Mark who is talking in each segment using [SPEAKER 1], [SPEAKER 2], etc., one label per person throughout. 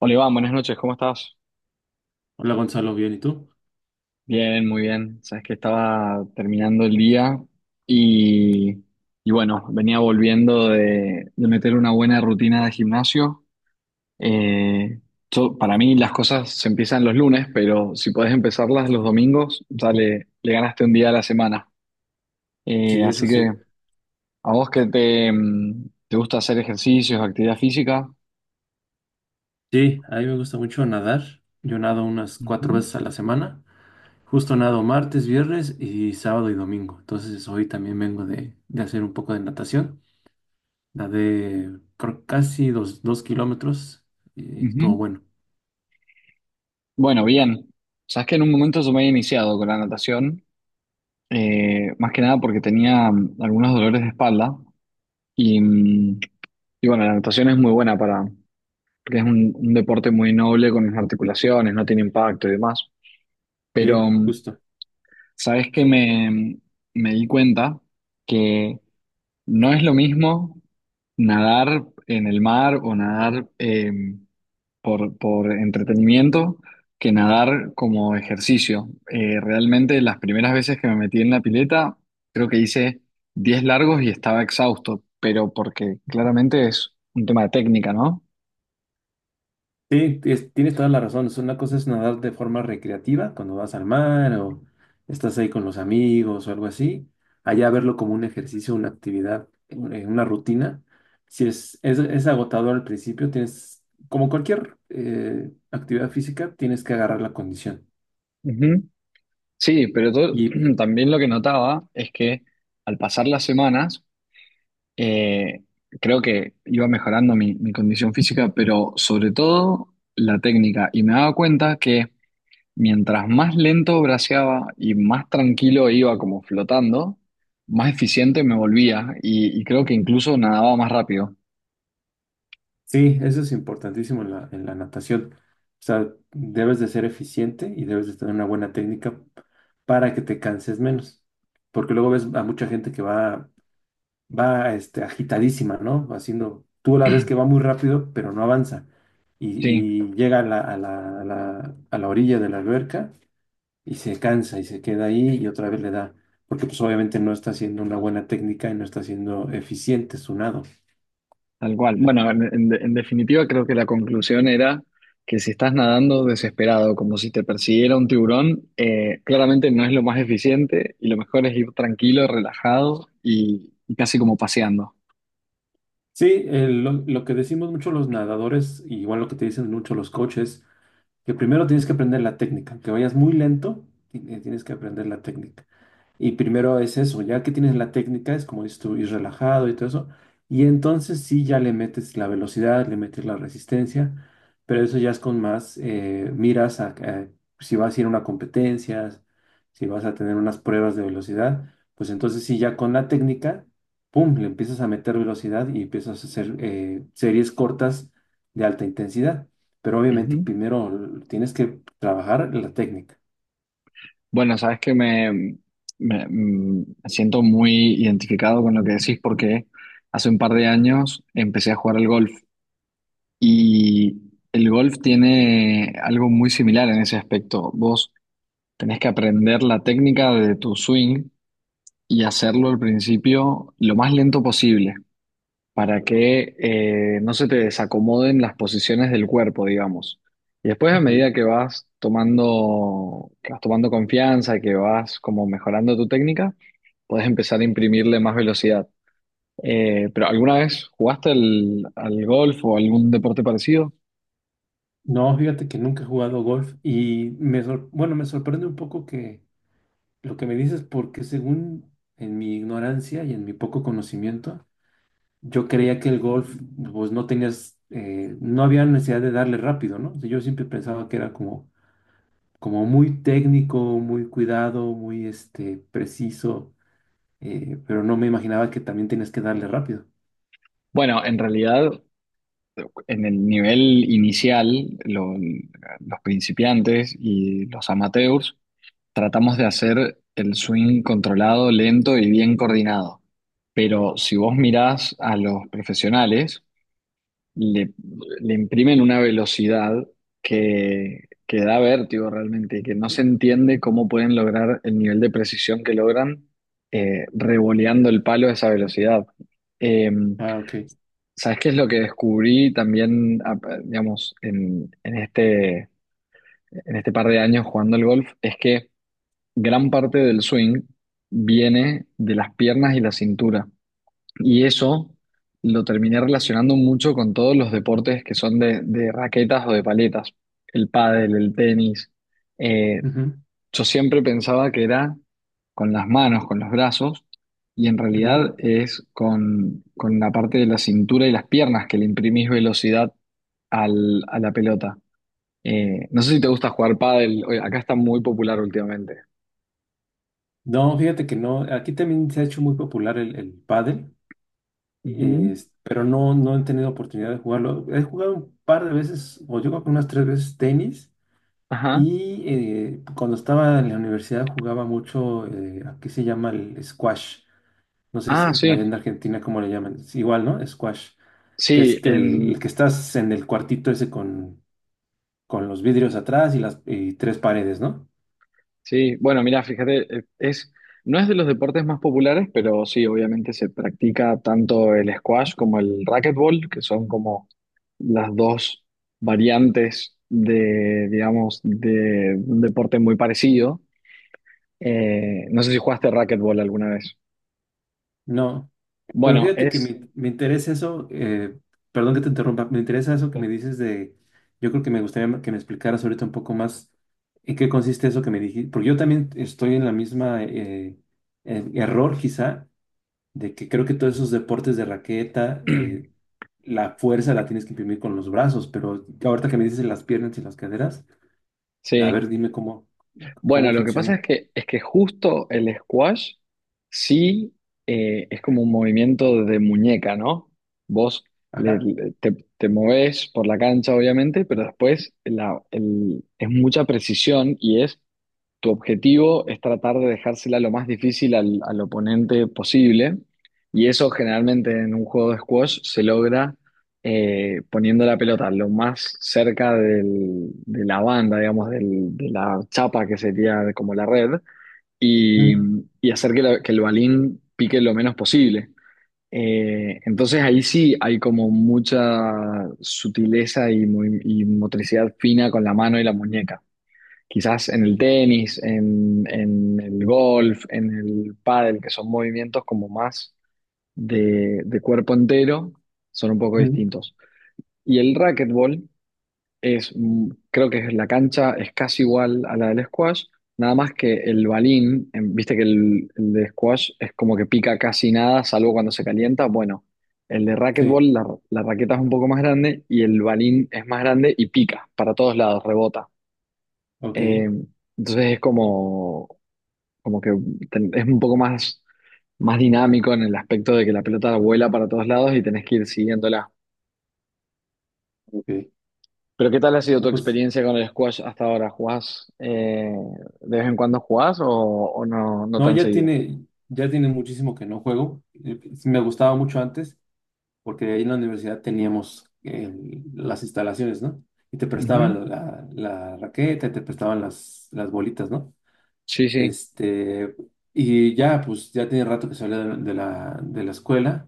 [SPEAKER 1] Hola Iván, buenas noches, ¿cómo estás?
[SPEAKER 2] Hola Gonzalo, bien, ¿y tú?
[SPEAKER 1] Bien, muy bien. Sabes que estaba terminando el día y, y bueno, venía volviendo de meter una buena rutina de gimnasio. Eh, para mí las cosas se empiezan los lunes, pero si podés empezarlas los domingos, ya le ganaste un día a la semana.
[SPEAKER 2] Sí, eso
[SPEAKER 1] Así que
[SPEAKER 2] sí.
[SPEAKER 1] a vos que te gusta hacer ejercicios, actividad física.
[SPEAKER 2] Sí, a mí me gusta mucho nadar. Yo nado unas
[SPEAKER 1] Ujú,
[SPEAKER 2] cuatro veces a la semana. Justo nado martes, viernes y sábado y domingo. Entonces hoy también vengo de hacer un poco de natación. Nadé por casi dos kilómetros y
[SPEAKER 1] ujú.
[SPEAKER 2] estuvo bueno.
[SPEAKER 1] Bueno, bien. Sabes que en un momento yo me había iniciado con la natación. Más que nada porque tenía algunos dolores de espalda y, mm, y bueno, la natación es muy buena para, porque es un deporte muy noble con las articulaciones, no tiene impacto y demás. Pero,
[SPEAKER 2] Sí, justo.
[SPEAKER 1] ¿sabes que me di cuenta que no es lo mismo nadar en el mar o nadar por entretenimiento que nadar como ejercicio? Realmente las primeras veces que me metí en la pileta, creo que hice 10 largos y estaba exhausto, pero porque claramente es un tema de técnica, ¿no?
[SPEAKER 2] Sí, tienes toda la razón. Es una cosa es nadar de forma recreativa cuando vas al mar o estás ahí con los amigos o algo así. Allá verlo como un ejercicio, una actividad, una rutina. Si es agotador al principio, tienes, como cualquier actividad física, tienes que agarrar la condición.
[SPEAKER 1] Ujú. Sí, pero
[SPEAKER 2] Y
[SPEAKER 1] también lo que notaba es que al pasar las semanas, eh, creo que iba mejorando mi condición física, pero sobre todo la técnica. Y me daba cuenta que mientras más lento braceaba y más tranquilo iba como flotando, más eficiente me volvía y creo que incluso nadaba más rápido.
[SPEAKER 2] sí, eso es importantísimo en la natación. O sea, debes de ser eficiente y debes de tener una buena técnica para que te canses menos. Porque luego ves a mucha gente que va agitadísima, ¿no? Haciendo, tú la ves que va muy rápido, pero no avanza.
[SPEAKER 1] Sí,
[SPEAKER 2] Y llega a la orilla de la alberca y se cansa y se queda ahí y otra vez le da, porque pues obviamente no está haciendo una buena técnica y no está siendo eficiente su nado.
[SPEAKER 1] tal cual. Bueno, en definitiva creo que la conclusión era que si estás nadando desesperado, como si te persiguiera un tiburón, claramente no es lo más eficiente y lo mejor es ir tranquilo, relajado y casi como paseando.
[SPEAKER 2] Sí, lo que decimos mucho los nadadores, y igual lo que te dicen mucho los coaches, que primero tienes que aprender la técnica, aunque vayas muy lento, tienes que aprender la técnica. Y primero es eso, ya que tienes la técnica, es como dices tú, ir relajado y todo eso. Y entonces sí, ya le metes la velocidad, le metes la resistencia, pero eso ya es con más miras a si vas a ir a una competencia, si vas a tener unas pruebas de velocidad, pues entonces sí, ya con la técnica, pum, le empiezas a meter velocidad y empiezas a hacer series cortas de alta intensidad. Pero obviamente primero tienes que trabajar la técnica.
[SPEAKER 1] Bueno, sabes que me siento muy identificado con lo que decís porque hace un par de años empecé a jugar al golf y el golf tiene algo muy similar en ese aspecto. Vos tenés que aprender la técnica de tu swing y hacerlo al principio lo más lento posible para que no se te desacomoden las posiciones del cuerpo, digamos. Y después, a medida
[SPEAKER 2] Ok.
[SPEAKER 1] que vas tomando confianza, que vas como mejorando tu técnica, puedes empezar a imprimirle más velocidad. Pero ¿alguna vez jugaste al golf o algún deporte parecido?
[SPEAKER 2] No, fíjate que nunca he jugado golf y me me sorprende un poco que lo que me dices porque según en mi ignorancia y en mi poco conocimiento, yo creía que el golf pues no tenías no había necesidad de darle rápido, ¿no? O sea, yo siempre pensaba que era como muy técnico, muy cuidado, muy preciso, pero no me imaginaba que también tenías que darle rápido.
[SPEAKER 1] Bueno, en realidad, en el nivel inicial, los principiantes y los amateurs tratamos de hacer el swing controlado, lento y bien coordinado. Pero si vos mirás a los profesionales, le, le imprimen una velocidad que, que da vértigo realmente y que no se entiende cómo pueden lograr el nivel de precisión que logran revoleando el palo a esa velocidad. Eh,
[SPEAKER 2] Ah, ok.
[SPEAKER 1] ¿Sabes qué es lo que descubrí también, digamos, en este par de años jugando al golf? Es que gran parte del swing viene de las piernas y la cintura. Y eso lo terminé relacionando mucho con todos los deportes que son de raquetas o de paletas. El pádel, el tenis. Eh,
[SPEAKER 2] Ujú,
[SPEAKER 1] yo siempre pensaba que era con las manos, con los brazos, y en
[SPEAKER 2] ujú.
[SPEAKER 1] realidad es con la parte de la cintura y las piernas que le imprimís velocidad a la pelota. No sé si te gusta jugar pádel. Oye, acá está muy popular últimamente.
[SPEAKER 2] No, fíjate que no, aquí también se ha hecho muy popular el pádel.
[SPEAKER 1] Ujú.
[SPEAKER 2] Pero no, no he tenido oportunidad de jugarlo. He jugado un par de veces, o yo creo que unas tres veces tenis.
[SPEAKER 1] Ajá.
[SPEAKER 2] Y cuando estaba en la universidad jugaba mucho, aquí se llama el squash. No sé
[SPEAKER 1] Ah,
[SPEAKER 2] si allá
[SPEAKER 1] sí.
[SPEAKER 2] en Argentina cómo le llaman. Es igual, ¿no? Squash.
[SPEAKER 1] Sí,
[SPEAKER 2] Que es que el que estás en el cuartito ese con los vidrios atrás y las y tres paredes, ¿no?
[SPEAKER 1] sí. Bueno, mira, fíjate, no es de los deportes más populares, pero sí, obviamente se practica tanto el squash como el racquetball, que son como las dos variantes de, digamos, de un deporte muy parecido. No sé si jugaste racquetball alguna vez.
[SPEAKER 2] No. Pero
[SPEAKER 1] Bueno,
[SPEAKER 2] fíjate que me interesa eso, perdón que te interrumpa, me interesa eso que me dices de, yo creo que me gustaría que me explicaras ahorita un poco más en qué consiste eso que me dijiste, porque yo también estoy en la misma error quizá, de que creo que todos esos deportes de raqueta, la fuerza la tienes que imprimir con los brazos, pero ahorita que me dices las piernas y las caderas, a
[SPEAKER 1] Sí.
[SPEAKER 2] ver, dime cómo,
[SPEAKER 1] Bueno,
[SPEAKER 2] cómo
[SPEAKER 1] lo que pasa es
[SPEAKER 2] funciona.
[SPEAKER 1] que, justo el squash, sí, es como un movimiento de muñeca, ¿no? Vos le-
[SPEAKER 2] Ajá.
[SPEAKER 1] le- te, te movés por la cancha, obviamente, pero después es mucha precisión y es tu objetivo es tratar de dejársela lo más difícil al oponente posible y eso generalmente en un juego de squash se logra poniendo la pelota lo más cerca de la banda, digamos, de la chapa que sería como la red y,
[SPEAKER 2] Mm,
[SPEAKER 1] y hacer que, que el balín pique lo menos posible. Entonces ahí sí hay como mucha sutileza y motricidad fina con la mano y la muñeca. Quizás en el tenis, en el golf, en el pádel, que son movimientos como más de cuerpo entero, son un poco
[SPEAKER 2] mm,
[SPEAKER 1] distintos. Y el racquetball creo que es la cancha es casi igual a la del squash, nada más que el balín, viste que el de squash es como que pica casi nada, salvo cuando se calienta. Bueno, el de
[SPEAKER 2] sí,
[SPEAKER 1] racquetball, la raqueta es un poco más grande y el balín es más grande y pica para todos lados, rebota.
[SPEAKER 2] ok,
[SPEAKER 1] Eh, entonces es como, como que ten- es un poco más dinámico en el aspecto de que la pelota vuela para todos lados y tenés que ir siguiéndola.
[SPEAKER 2] ok.
[SPEAKER 1] Pero ¿qué tal ha sido tu
[SPEAKER 2] No, pues
[SPEAKER 1] experiencia con el squash hasta ahora? ¿Jugás, de vez en cuando jugás o no
[SPEAKER 2] no,
[SPEAKER 1] tan seguido?
[SPEAKER 2] ya tiene muchísimo que no juego. Pues, me gustaba mucho antes, porque ahí en la universidad teníamos las instalaciones, ¿no? Y te
[SPEAKER 1] Ujú.
[SPEAKER 2] prestaban la raqueta, y te prestaban las bolitas, ¿no?
[SPEAKER 1] Sí, sí,
[SPEAKER 2] Este, y ya, pues ya tiene rato que salí de la escuela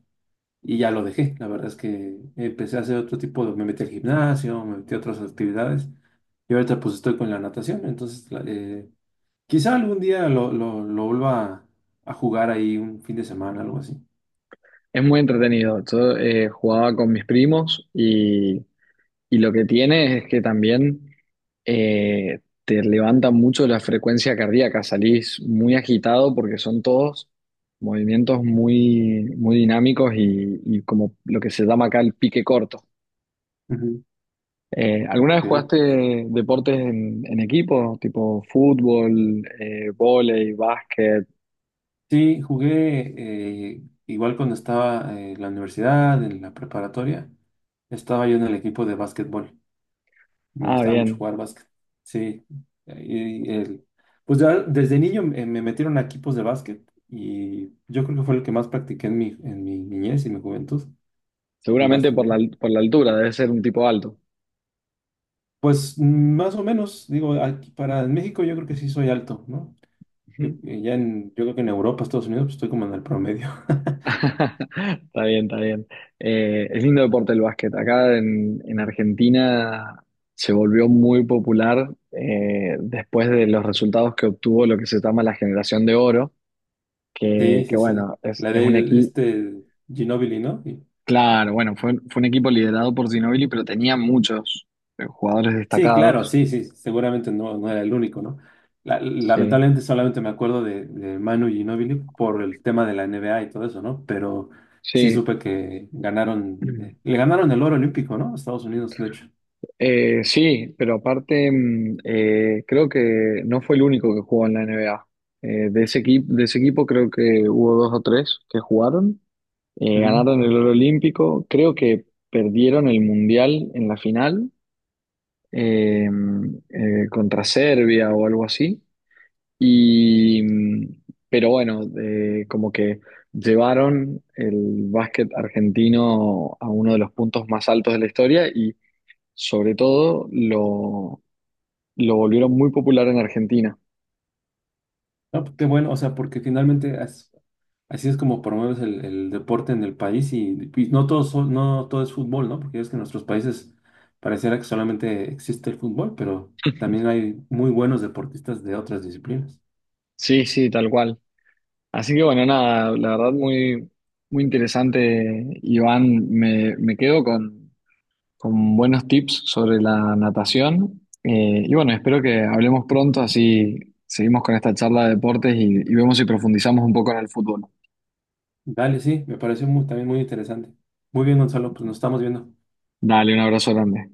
[SPEAKER 2] y ya lo dejé. La verdad es que empecé a hacer otro tipo de, me metí al gimnasio, me metí a otras actividades y ahorita pues estoy con la natación, entonces quizá algún día lo vuelva a jugar ahí un fin de semana, algo así.
[SPEAKER 1] es muy entretenido. Yo jugaba con mis primos y lo que tiene es que también te levanta mucho la frecuencia cardíaca, salís muy agitado porque son todos movimientos muy, muy dinámicos y como lo que se llama acá el pique corto.
[SPEAKER 2] Ujú.
[SPEAKER 1] ¿Alguna vez
[SPEAKER 2] Ok.
[SPEAKER 1] jugaste deportes en equipo, tipo fútbol, vóley, básquet?
[SPEAKER 2] Sí, jugué igual cuando estaba en la universidad, en la preparatoria. Estaba yo en el equipo de básquetbol. Me
[SPEAKER 1] Ah,
[SPEAKER 2] gustaba mucho
[SPEAKER 1] bien.
[SPEAKER 2] jugar básquet. Sí. Y el, pues ya desde niño me metieron a equipos de básquet y yo creo que fue lo que más practiqué en mi niñez y mi juventud, el
[SPEAKER 1] Seguramente por la,
[SPEAKER 2] básquetbol.
[SPEAKER 1] por la altura, debe ser un tipo alto.
[SPEAKER 2] Pues mm, más o menos, digo, aquí para en México yo creo que sí soy alto, ¿no? Yo, yo creo que en Europa, Estados Unidos, pues estoy como en el promedio.
[SPEAKER 1] Está bien, está bien. Es lindo deporte el básquet. Acá en Argentina se volvió muy popular después de los resultados que obtuvo lo que se llama la generación de oro, que,
[SPEAKER 2] Sí,
[SPEAKER 1] que
[SPEAKER 2] sí, sí.
[SPEAKER 1] bueno, es,
[SPEAKER 2] La
[SPEAKER 1] es un
[SPEAKER 2] de
[SPEAKER 1] equipo,
[SPEAKER 2] Ginóbili, ¿no?
[SPEAKER 1] claro, bueno, fue un equipo liderado por Ginóbili, pero tenía muchos jugadores
[SPEAKER 2] Sí, claro,
[SPEAKER 1] destacados.
[SPEAKER 2] sí, sí. Seguramente no, no era el único, ¿no?
[SPEAKER 1] Sí,
[SPEAKER 2] Lamentablemente solamente me acuerdo de Manu Ginóbili por el tema de la NBA y todo eso, ¿no? Pero sí
[SPEAKER 1] sí.
[SPEAKER 2] supe que ganaron, le ganaron el oro olímpico, ¿no? A Estados Unidos, de hecho.
[SPEAKER 1] Sí, pero aparte creo que no fue el único que jugó en la NBA. De ese equipo creo que hubo dos o tres que jugaron. Ganaron el oro olímpico, creo que perdieron el mundial en la final contra Serbia o algo así. Y, pero bueno, como que llevaron el básquet argentino a uno de los puntos más altos de la historia y sobre todo lo volvieron muy popular en Argentina.
[SPEAKER 2] No, pues qué bueno, o sea, porque finalmente así es como promueves el deporte en el país y no todo, no todo es fútbol, ¿no? Porque es que en nuestros países pareciera que solamente existe el fútbol, pero también hay muy buenos deportistas de otras disciplinas.
[SPEAKER 1] Sí, sí, tal cual. Así que bueno, nada, la verdad muy, muy interesante, Iván. Me quedo con buenos tips sobre la natación. Y bueno, espero que hablemos pronto, así seguimos con esta charla de deportes y vemos si profundizamos un poco en el fútbol.
[SPEAKER 2] Dale, sí, me pareció muy, también muy interesante. Muy bien, Gonzalo, pues nos estamos viendo.
[SPEAKER 1] Dale, un abrazo grande.